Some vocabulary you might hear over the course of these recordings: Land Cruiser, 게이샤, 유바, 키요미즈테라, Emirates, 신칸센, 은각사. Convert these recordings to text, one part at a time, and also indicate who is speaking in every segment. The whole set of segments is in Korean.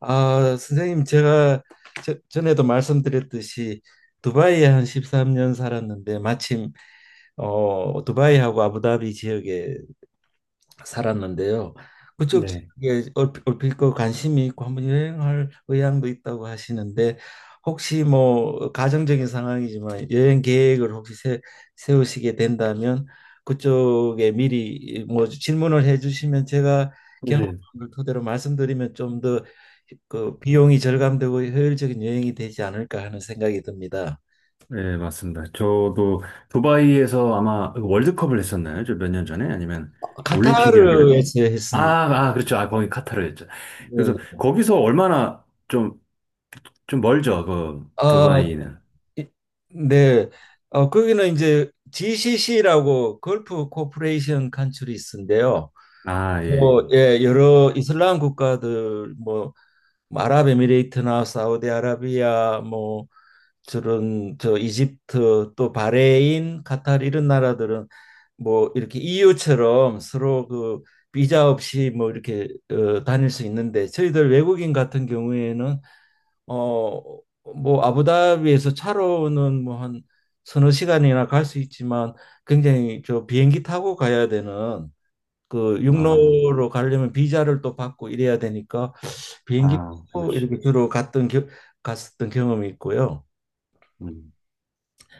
Speaker 1: 아, 선생님, 제가 전에도 말씀드렸듯이 두바이에 한 13년 살았는데, 마침 두바이하고 아부다비 지역에 살았는데요. 그쪽
Speaker 2: 네.
Speaker 1: 지역에 얼핏 그 관심이 있고 한번 여행할 의향도 있다고 하시는데, 혹시 뭐 가정적인 상황이지만 여행 계획을 혹시 세우시게 된다면, 그쪽에 미리 뭐 질문을 해주시면 제가
Speaker 2: 네.
Speaker 1: 경험을 토대로 말씀드리면 좀 더 그 비용이 절감되고 효율적인 여행이 되지 않을까 하는 생각이 듭니다.
Speaker 2: 네, 맞습니다. 저도 두바이에서 아마 월드컵을 했었나요? 저 몇 년 전에? 아니면 올림픽이었나요?
Speaker 1: 카타르에서
Speaker 2: 아,
Speaker 1: 했습니다.
Speaker 2: 아, 그렇죠. 아, 거기 카타르였죠. 그래서
Speaker 1: 네.
Speaker 2: 거기서 얼마나 좀, 좀 멀죠, 그
Speaker 1: 아,
Speaker 2: 두바이는.
Speaker 1: 이- 네. 거기는 이제 GCC라고 걸프 코퍼레이션 컨트리스인데요.
Speaker 2: 아, 예.
Speaker 1: 뭐, 예, 여러 이슬람 국가들, 뭐 아랍에미레이트나 사우디아라비아, 뭐, 저런, 이집트, 또 바레인, 카타르 이런 나라들은 뭐, 이렇게 EU처럼 서로 그 비자 없이 뭐, 이렇게 다닐 수 있는데, 저희들 외국인 같은 경우에는 어 뭐 아부다비에서 차로는 뭐 한 서너 시간이나 갈 수 있지만, 굉장히 비행기 타고 가야 되는 그
Speaker 2: 아,
Speaker 1: 육로로 가려면 비자를 또 받고 이래야 되니까 비행기
Speaker 2: 아,
Speaker 1: 타고
Speaker 2: 그렇죠.
Speaker 1: 이렇게 주로 갔었던 경험이 있고요.
Speaker 2: 음.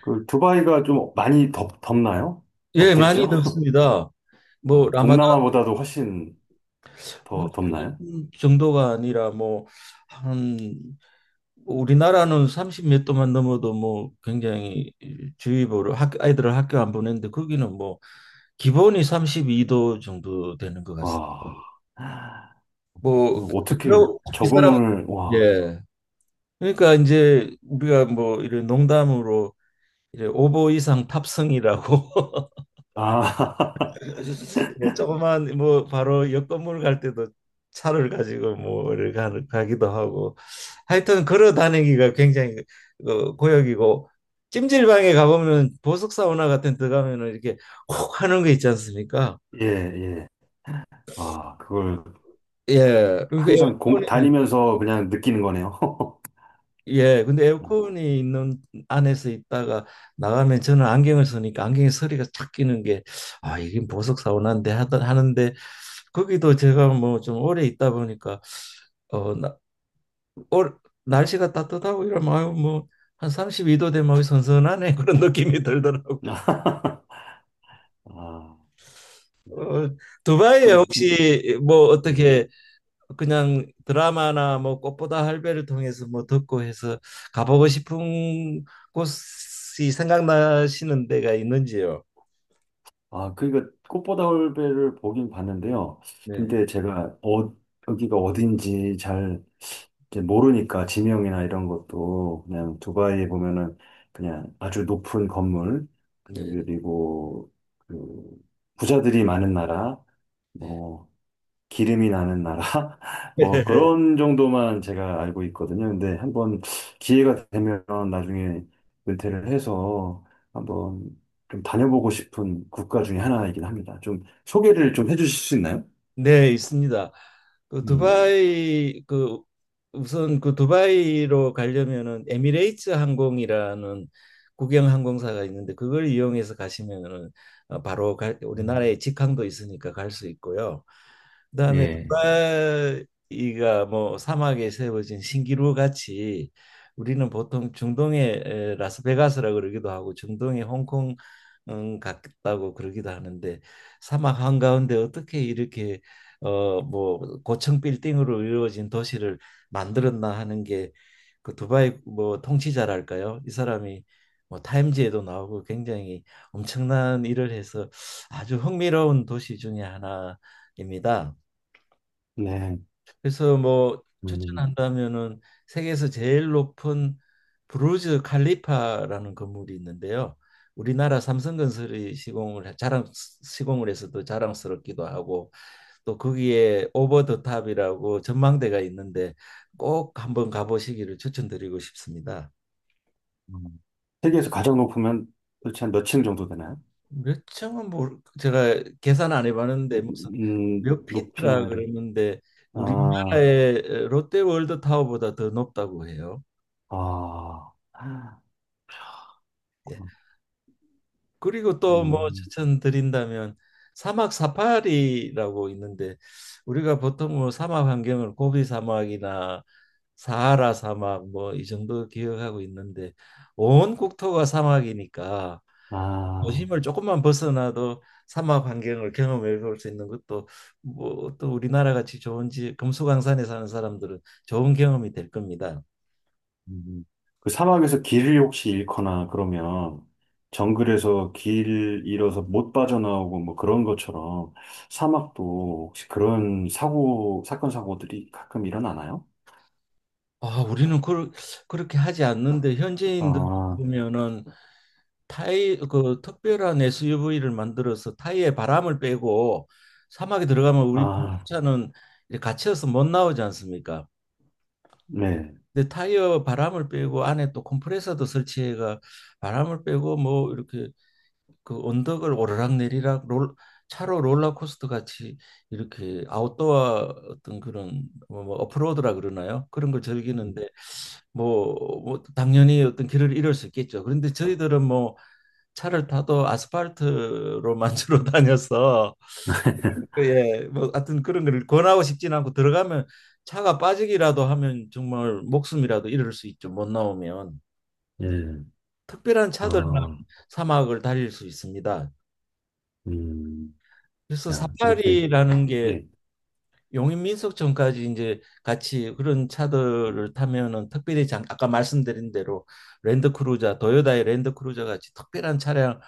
Speaker 2: 그 두바이가 좀 많이 덥나요?
Speaker 1: 예, 많이
Speaker 2: 덥겠죠?
Speaker 1: 듣습니다. 뭐
Speaker 2: 아,
Speaker 1: 라마단
Speaker 2: 동남아보다도 훨씬 더 덥나요?
Speaker 1: 정도가 아니라 뭐 한 우리나라는 30 몇 도만 넘어도 뭐 굉장히 주의보를 학 아이들을 학교 안 보내는데, 거기는 뭐 기본이 32도 정도 되는 것 같습니다.
Speaker 2: 와, 아,
Speaker 1: 뭐,
Speaker 2: 어떻게
Speaker 1: 그리고 이 사람.
Speaker 2: 적응을, 와.
Speaker 1: 예. 그러니까 이제 우리가 뭐 이런 농담으로 이제 오보 이상 탑승이라고.
Speaker 2: 아,
Speaker 1: 예, 조그만 뭐 바로 옆 건물 갈 때도 차를 가지고 뭐를 가기도 하고, 하여튼 걸어 다니기가 굉장히 고역이고, 찜질방에 가보면 보석 사우나 같은 데 가면은 이렇게 콕 하는 거 있지 않습니까?
Speaker 2: 예, 예. 아, 그걸
Speaker 1: 예. 그러니까
Speaker 2: 항상
Speaker 1: 에어컨이.
Speaker 2: 다니면서 그냥 느끼는 거네요.
Speaker 1: 예, 근데
Speaker 2: 어.
Speaker 1: 에어컨이 있는 안에서 있다가 나가면 저는 안경을 쓰니까 안경에 서리가 착 끼는 게, 아, 이게 보석 사원한데 하던 하는데 거기도 제가 뭐 좀 오래 있다 보니까 어, 나, 올- 날씨가 따뜻하고 이러면 아유 뭐한 32도 되면 아유, 선선하네 그런 느낌이 들더라고요.
Speaker 2: 아,
Speaker 1: 어, 두바이에
Speaker 2: 그럼,
Speaker 1: 혹시 뭐
Speaker 2: 예.
Speaker 1: 어떻게 그냥 드라마나 뭐 꽃보다 할배를 통해서 뭐 듣고 해서 가보고 싶은 곳이 생각나시는 데가 있는지요?
Speaker 2: 아, 그러니까 꽃보다 올배를 보긴 봤는데요.
Speaker 1: 네,
Speaker 2: 근데 제가 여기가 어딘지 잘 이제 모르니까 지명이나 이런 것도 그냥 두바이에 보면은 그냥 아주 높은 건물,
Speaker 1: 네,
Speaker 2: 그리고 그 부자들이 많은 나라,
Speaker 1: 네.
Speaker 2: 뭐 기름이 나는 나라? 뭐 그런 정도만 제가 알고 있거든요. 근데 한번 기회가 되면 나중에 은퇴를 해서 한번 좀 다녀보고 싶은 국가 중에 하나이긴 합니다. 좀 소개를 좀 해주실 수 있나요?
Speaker 1: 네, 있습니다. 그
Speaker 2: 음.
Speaker 1: 두바이, 그 우선 그 두바이로 가려면은 에미레이츠 항공이라는 국영 항공사가 있는데, 그걸 이용해서 가시면은 바로
Speaker 2: 음.
Speaker 1: 우리나라에 직항도 있으니까 갈 수 있고요. 그다음에
Speaker 2: 예.
Speaker 1: 두바이가 뭐 사막에 세워진 신기루 같이 우리는 보통 중동의 라스베가스라 그러기도 하고 중동의 홍콩 같다고 그러기도 하는데, 사막 한가운데 어떻게 이렇게 뭐 고층 빌딩으로 이루어진 도시를 만들었나 하는 게, 그 두바이 뭐 통치자랄까요? 이 사람이 뭐 타임지에도 나오고 굉장히 엄청난 일을 해서 아주 흥미로운 도시 중에 하나 입니다.
Speaker 2: 네.
Speaker 1: 그래서 뭐
Speaker 2: 음.
Speaker 1: 추천한다면은, 세계에서 제일 높은 부르즈 칼리파라는 건물이 있는데요. 우리나라 삼성건설이 시공을 해서 또 자랑스럽기도 하고, 또 거기에 오버 더 탑이라고 전망대가 있는데 꼭 한번 가보시기를 추천드리고 싶습니다.
Speaker 2: 음. 세계에서 가장 높으면 도대체 한 몇 층 정도 되나요?
Speaker 1: 몇 층은 뭐 제가 계산 안 해봤는데,
Speaker 2: 음,
Speaker 1: 무슨 몇 피트라
Speaker 2: 높이나 이런.
Speaker 1: 그러는데
Speaker 2: 아,
Speaker 1: 우리나라의 롯데월드 타워보다 더 높다고 해요.
Speaker 2: 아,
Speaker 1: 예. 그리고 또 뭐
Speaker 2: 음,
Speaker 1: 추천드린다면, 사막 사파리라고 있는데, 우리가 보통 뭐 사막 환경을 고비 사막이나 사하라 사막 뭐 이 정도 기억하고 있는데, 온 국토가 사막이니까
Speaker 2: 아.
Speaker 1: 도심을 조금만 벗어나도 사막 환경을 경험해 볼 수 있는 것도 뭐 또 우리나라 같이 좋은 지 금수강산에 사는 사람들은 좋은 경험이 될 겁니다.
Speaker 2: 음. 그 사막에서 길을 혹시 잃거나 그러면 정글에서 길 잃어서 못 빠져나오고 뭐 그런 것처럼 사막도 혹시 그런 사건 사고들이 가끔 일어나나요?
Speaker 1: 아, 우리는 그렇게 하지 않는데 현지인들
Speaker 2: 아,
Speaker 1: 보면은 타이, 그 특별한 SUV를 만들어서 타이에 바람을 빼고 사막에 들어가면, 우리
Speaker 2: 아,
Speaker 1: 차는 이제 갇혀서 못 나오지 않습니까?
Speaker 2: 네.
Speaker 1: 근데 타이어 바람을 빼고 안에 또 컴프레서도 설치해가 바람을 빼고 뭐 이렇게 그 언덕을 오르락내리락 롤 차로 롤러코스터 같이 이렇게 아웃도어 어떤 그런, 뭐 오프로드라 그러나요? 그런 걸 즐기는데 뭐, 뭐 당연히 어떤 길을 잃을 수 있겠죠. 그런데 저희들은 뭐 차를 타도 아스팔트로만 주로 다녀서, 예, 뭐 하여튼 그런 걸 권하고 싶진 않고, 들어가면 차가 빠지기라도 하면 정말 목숨이라도 잃을 수 있죠. 못 나오면.
Speaker 2: 예,
Speaker 1: 특별한 차들만
Speaker 2: 어,
Speaker 1: 사막을 달릴 수 있습니다.
Speaker 2: 음,
Speaker 1: 그래서
Speaker 2: 야, 그렇게,
Speaker 1: 사파리라는 게,
Speaker 2: 예.
Speaker 1: 용인민속 전까지 이제 같이 그런 차들을 타면은 특별히 아까 말씀드린 대로 랜드크루저, 도요다의 랜드크루저 같이 특별한 차량을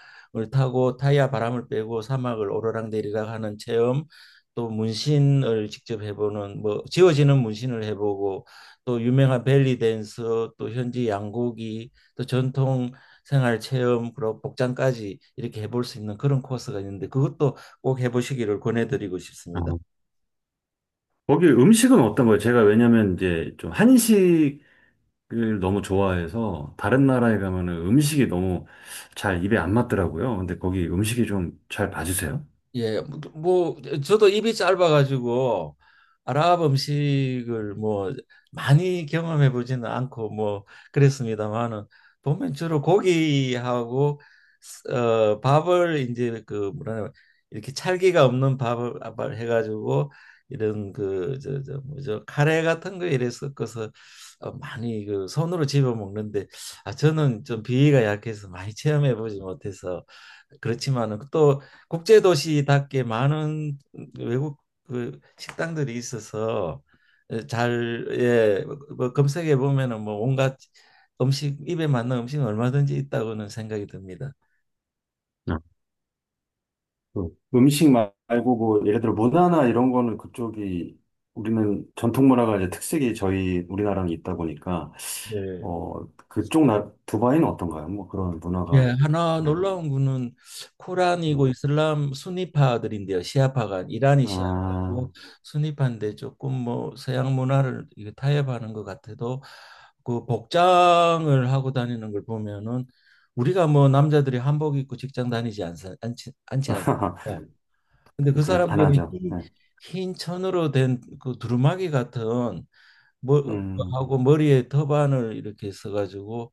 Speaker 1: 타고 타이어 바람을 빼고 사막을 오르락 내리락 하는 체험, 또 문신을 직접 해보는, 뭐 지워지는 문신을 해보고, 또 유명한 벨리 댄서, 또 현지 양고기, 또 전통 생활 체험, 그리고 복장까지 이렇게 해볼 수 있는 그런 코스가 있는데 그것도 꼭 해보시기를 권해드리고
Speaker 2: 아,
Speaker 1: 싶습니다.
Speaker 2: 거기 음식은 어떤 거예요? 제가 왜냐면 이제 좀 한식 를 너무 좋아해서 다른 나라에 가면은 음식이 너무 잘 입에 안 맞더라고요. 근데 거기 음식이 좀 잘 봐주세요.
Speaker 1: 예, 저도 입이 짧아가지고 아랍 음식을 뭐 많이 경험해 보지는 않고 뭐 그랬습니다만은, 보면 주로 고기하고 밥을 이제 그 뭐라 이렇게 찰기가 없는 밥을 해가지고 이런 그 저 뭐죠 카레 같은 거 이래 섞어서 많이 그 손으로 집어 먹는데, 아 저는 좀 비위가 약해서 많이 체험해 보지 못해서 그렇지만은, 또 국제도시답게 많은 외국 그 식당들이 있어서 예, 뭐 검색해 보면은 뭐 온갖 음식, 입에 맞는 음식 은 얼마든지 있다고는 생각이 듭니다.
Speaker 2: 네. 그 음식 말고 뭐 예를 들어 문화나 이런 거는 그쪽이 우리는 전통 문화가 이제 특색이 저희 우리나라는 있다 보니까
Speaker 1: 네.
Speaker 2: 어 그쪽 나 두바이는 어떤가요? 뭐 그런
Speaker 1: 예,
Speaker 2: 문화가
Speaker 1: 하나
Speaker 2: 음,
Speaker 1: 놀라운 거는, 코란이고
Speaker 2: 음.
Speaker 1: 이슬람 순니파들인데요. 시아파가 이란이
Speaker 2: 아
Speaker 1: 시아파고, 순니파인데 조금 뭐 서양 문화를 이게 타협하는 것 같아도 그 복장을 하고 다니는 걸 보면은, 우리가 뭐 남자들이 한복 입고 직장 다니지 않사, 않지 않지 않습니까? 근데 그
Speaker 2: 그렇 안
Speaker 1: 사람들은
Speaker 2: 하죠. 네.
Speaker 1: 흰 천으로 된 그 두루마기 같은 뭐
Speaker 2: 음.
Speaker 1: 하고, 머리에 터반을 이렇게 써가지고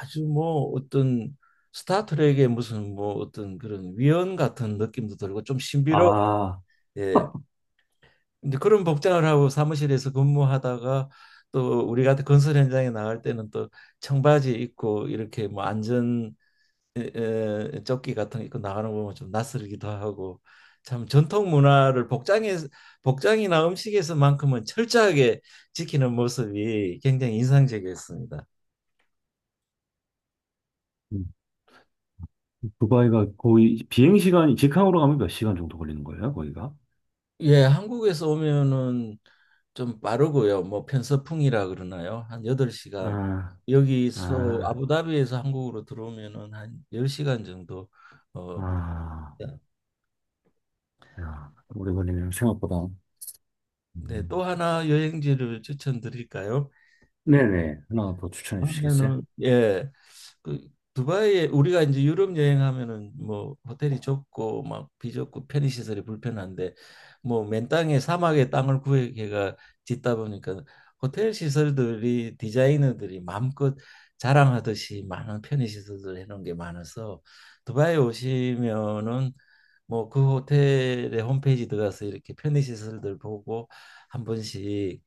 Speaker 1: 아주 뭐 어떤 스타트rek의 무슨 뭐 어떤 그런 위원 같은 느낌도 들고 좀 신비로.
Speaker 2: 아
Speaker 1: 예. 근데 그런 복장을 하고 사무실에서 근무하다가 또 우리 같은 건설 현장에 나갈 때는 또 청바지 입고 이렇게 뭐 안전 에, 조끼 같은 거 입고 나가는 거 보면 좀 낯설기도 하고, 참 전통 문화를 복장에 복장이나 음식에서만큼은 철저하게 지키는 모습이 굉장히 인상적이었습니다.
Speaker 2: 두바이가 거의 비행 시간이 직항으로 가면 몇 시간 정도 걸리는 거예요, 거기가?
Speaker 1: 예, 한국에서 오면은 좀 빠르고요. 뭐 편서풍이라 그러나요? 한 8시간.
Speaker 2: 아,
Speaker 1: 여기서
Speaker 2: 아,
Speaker 1: 아부다비에서 한국으로 들어오면은 한 10시간 정도. 어
Speaker 2: 아, 야, 오래 걸리네요, 생각보다.
Speaker 1: 네,
Speaker 2: 음.
Speaker 1: 또 하나 여행지를 추천드릴까요?
Speaker 2: 네네, 하나 더 추천해 주시겠어요?
Speaker 1: 하면은 예. 그 두바이에, 우리가 이제 유럽 여행하면은 뭐 호텔이 좁고 막 비좁고 편의 시설이 불편한데, 뭐 맨 땅에 사막에 땅을 구해가 짓다 보니까 호텔 시설들이, 디자이너들이 마음껏 자랑하듯이 많은 편의 시설들 해놓은 게 많아서 두바이 오시면은 뭐 그 호텔의 홈페이지 들어가서 이렇게 편의시설들 보고 한 번씩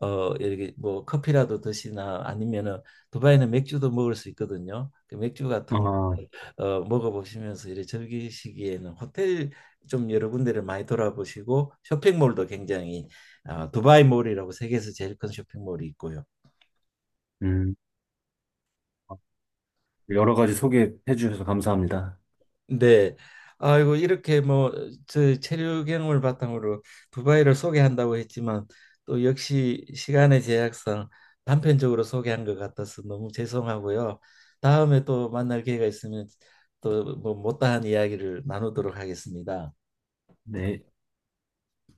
Speaker 1: 이렇게 뭐 커피라도 드시나, 아니면은 두바이는 맥주도 먹을 수 있거든요. 그 맥주 같은
Speaker 2: 아,
Speaker 1: 먹어보시면서 이렇게 즐기시기에는, 호텔 좀 여러 군데를 많이 돌아보시고, 쇼핑몰도 굉장히 두바이몰이라고 세계에서 제일 큰 쇼핑몰이 있고요.
Speaker 2: 음, 여러 가지 소개해 주셔서 감사합니다.
Speaker 1: 네. 아이고, 이렇게 뭐 저 체류 경험을 바탕으로 두바이를 소개한다고 했지만 또 역시 시간의 제약상 단편적으로 소개한 것 같아서 너무 죄송하고요. 다음에 또 만날 기회가 있으면 또 뭐 못다한 이야기를 나누도록 하겠습니다.
Speaker 2: 네.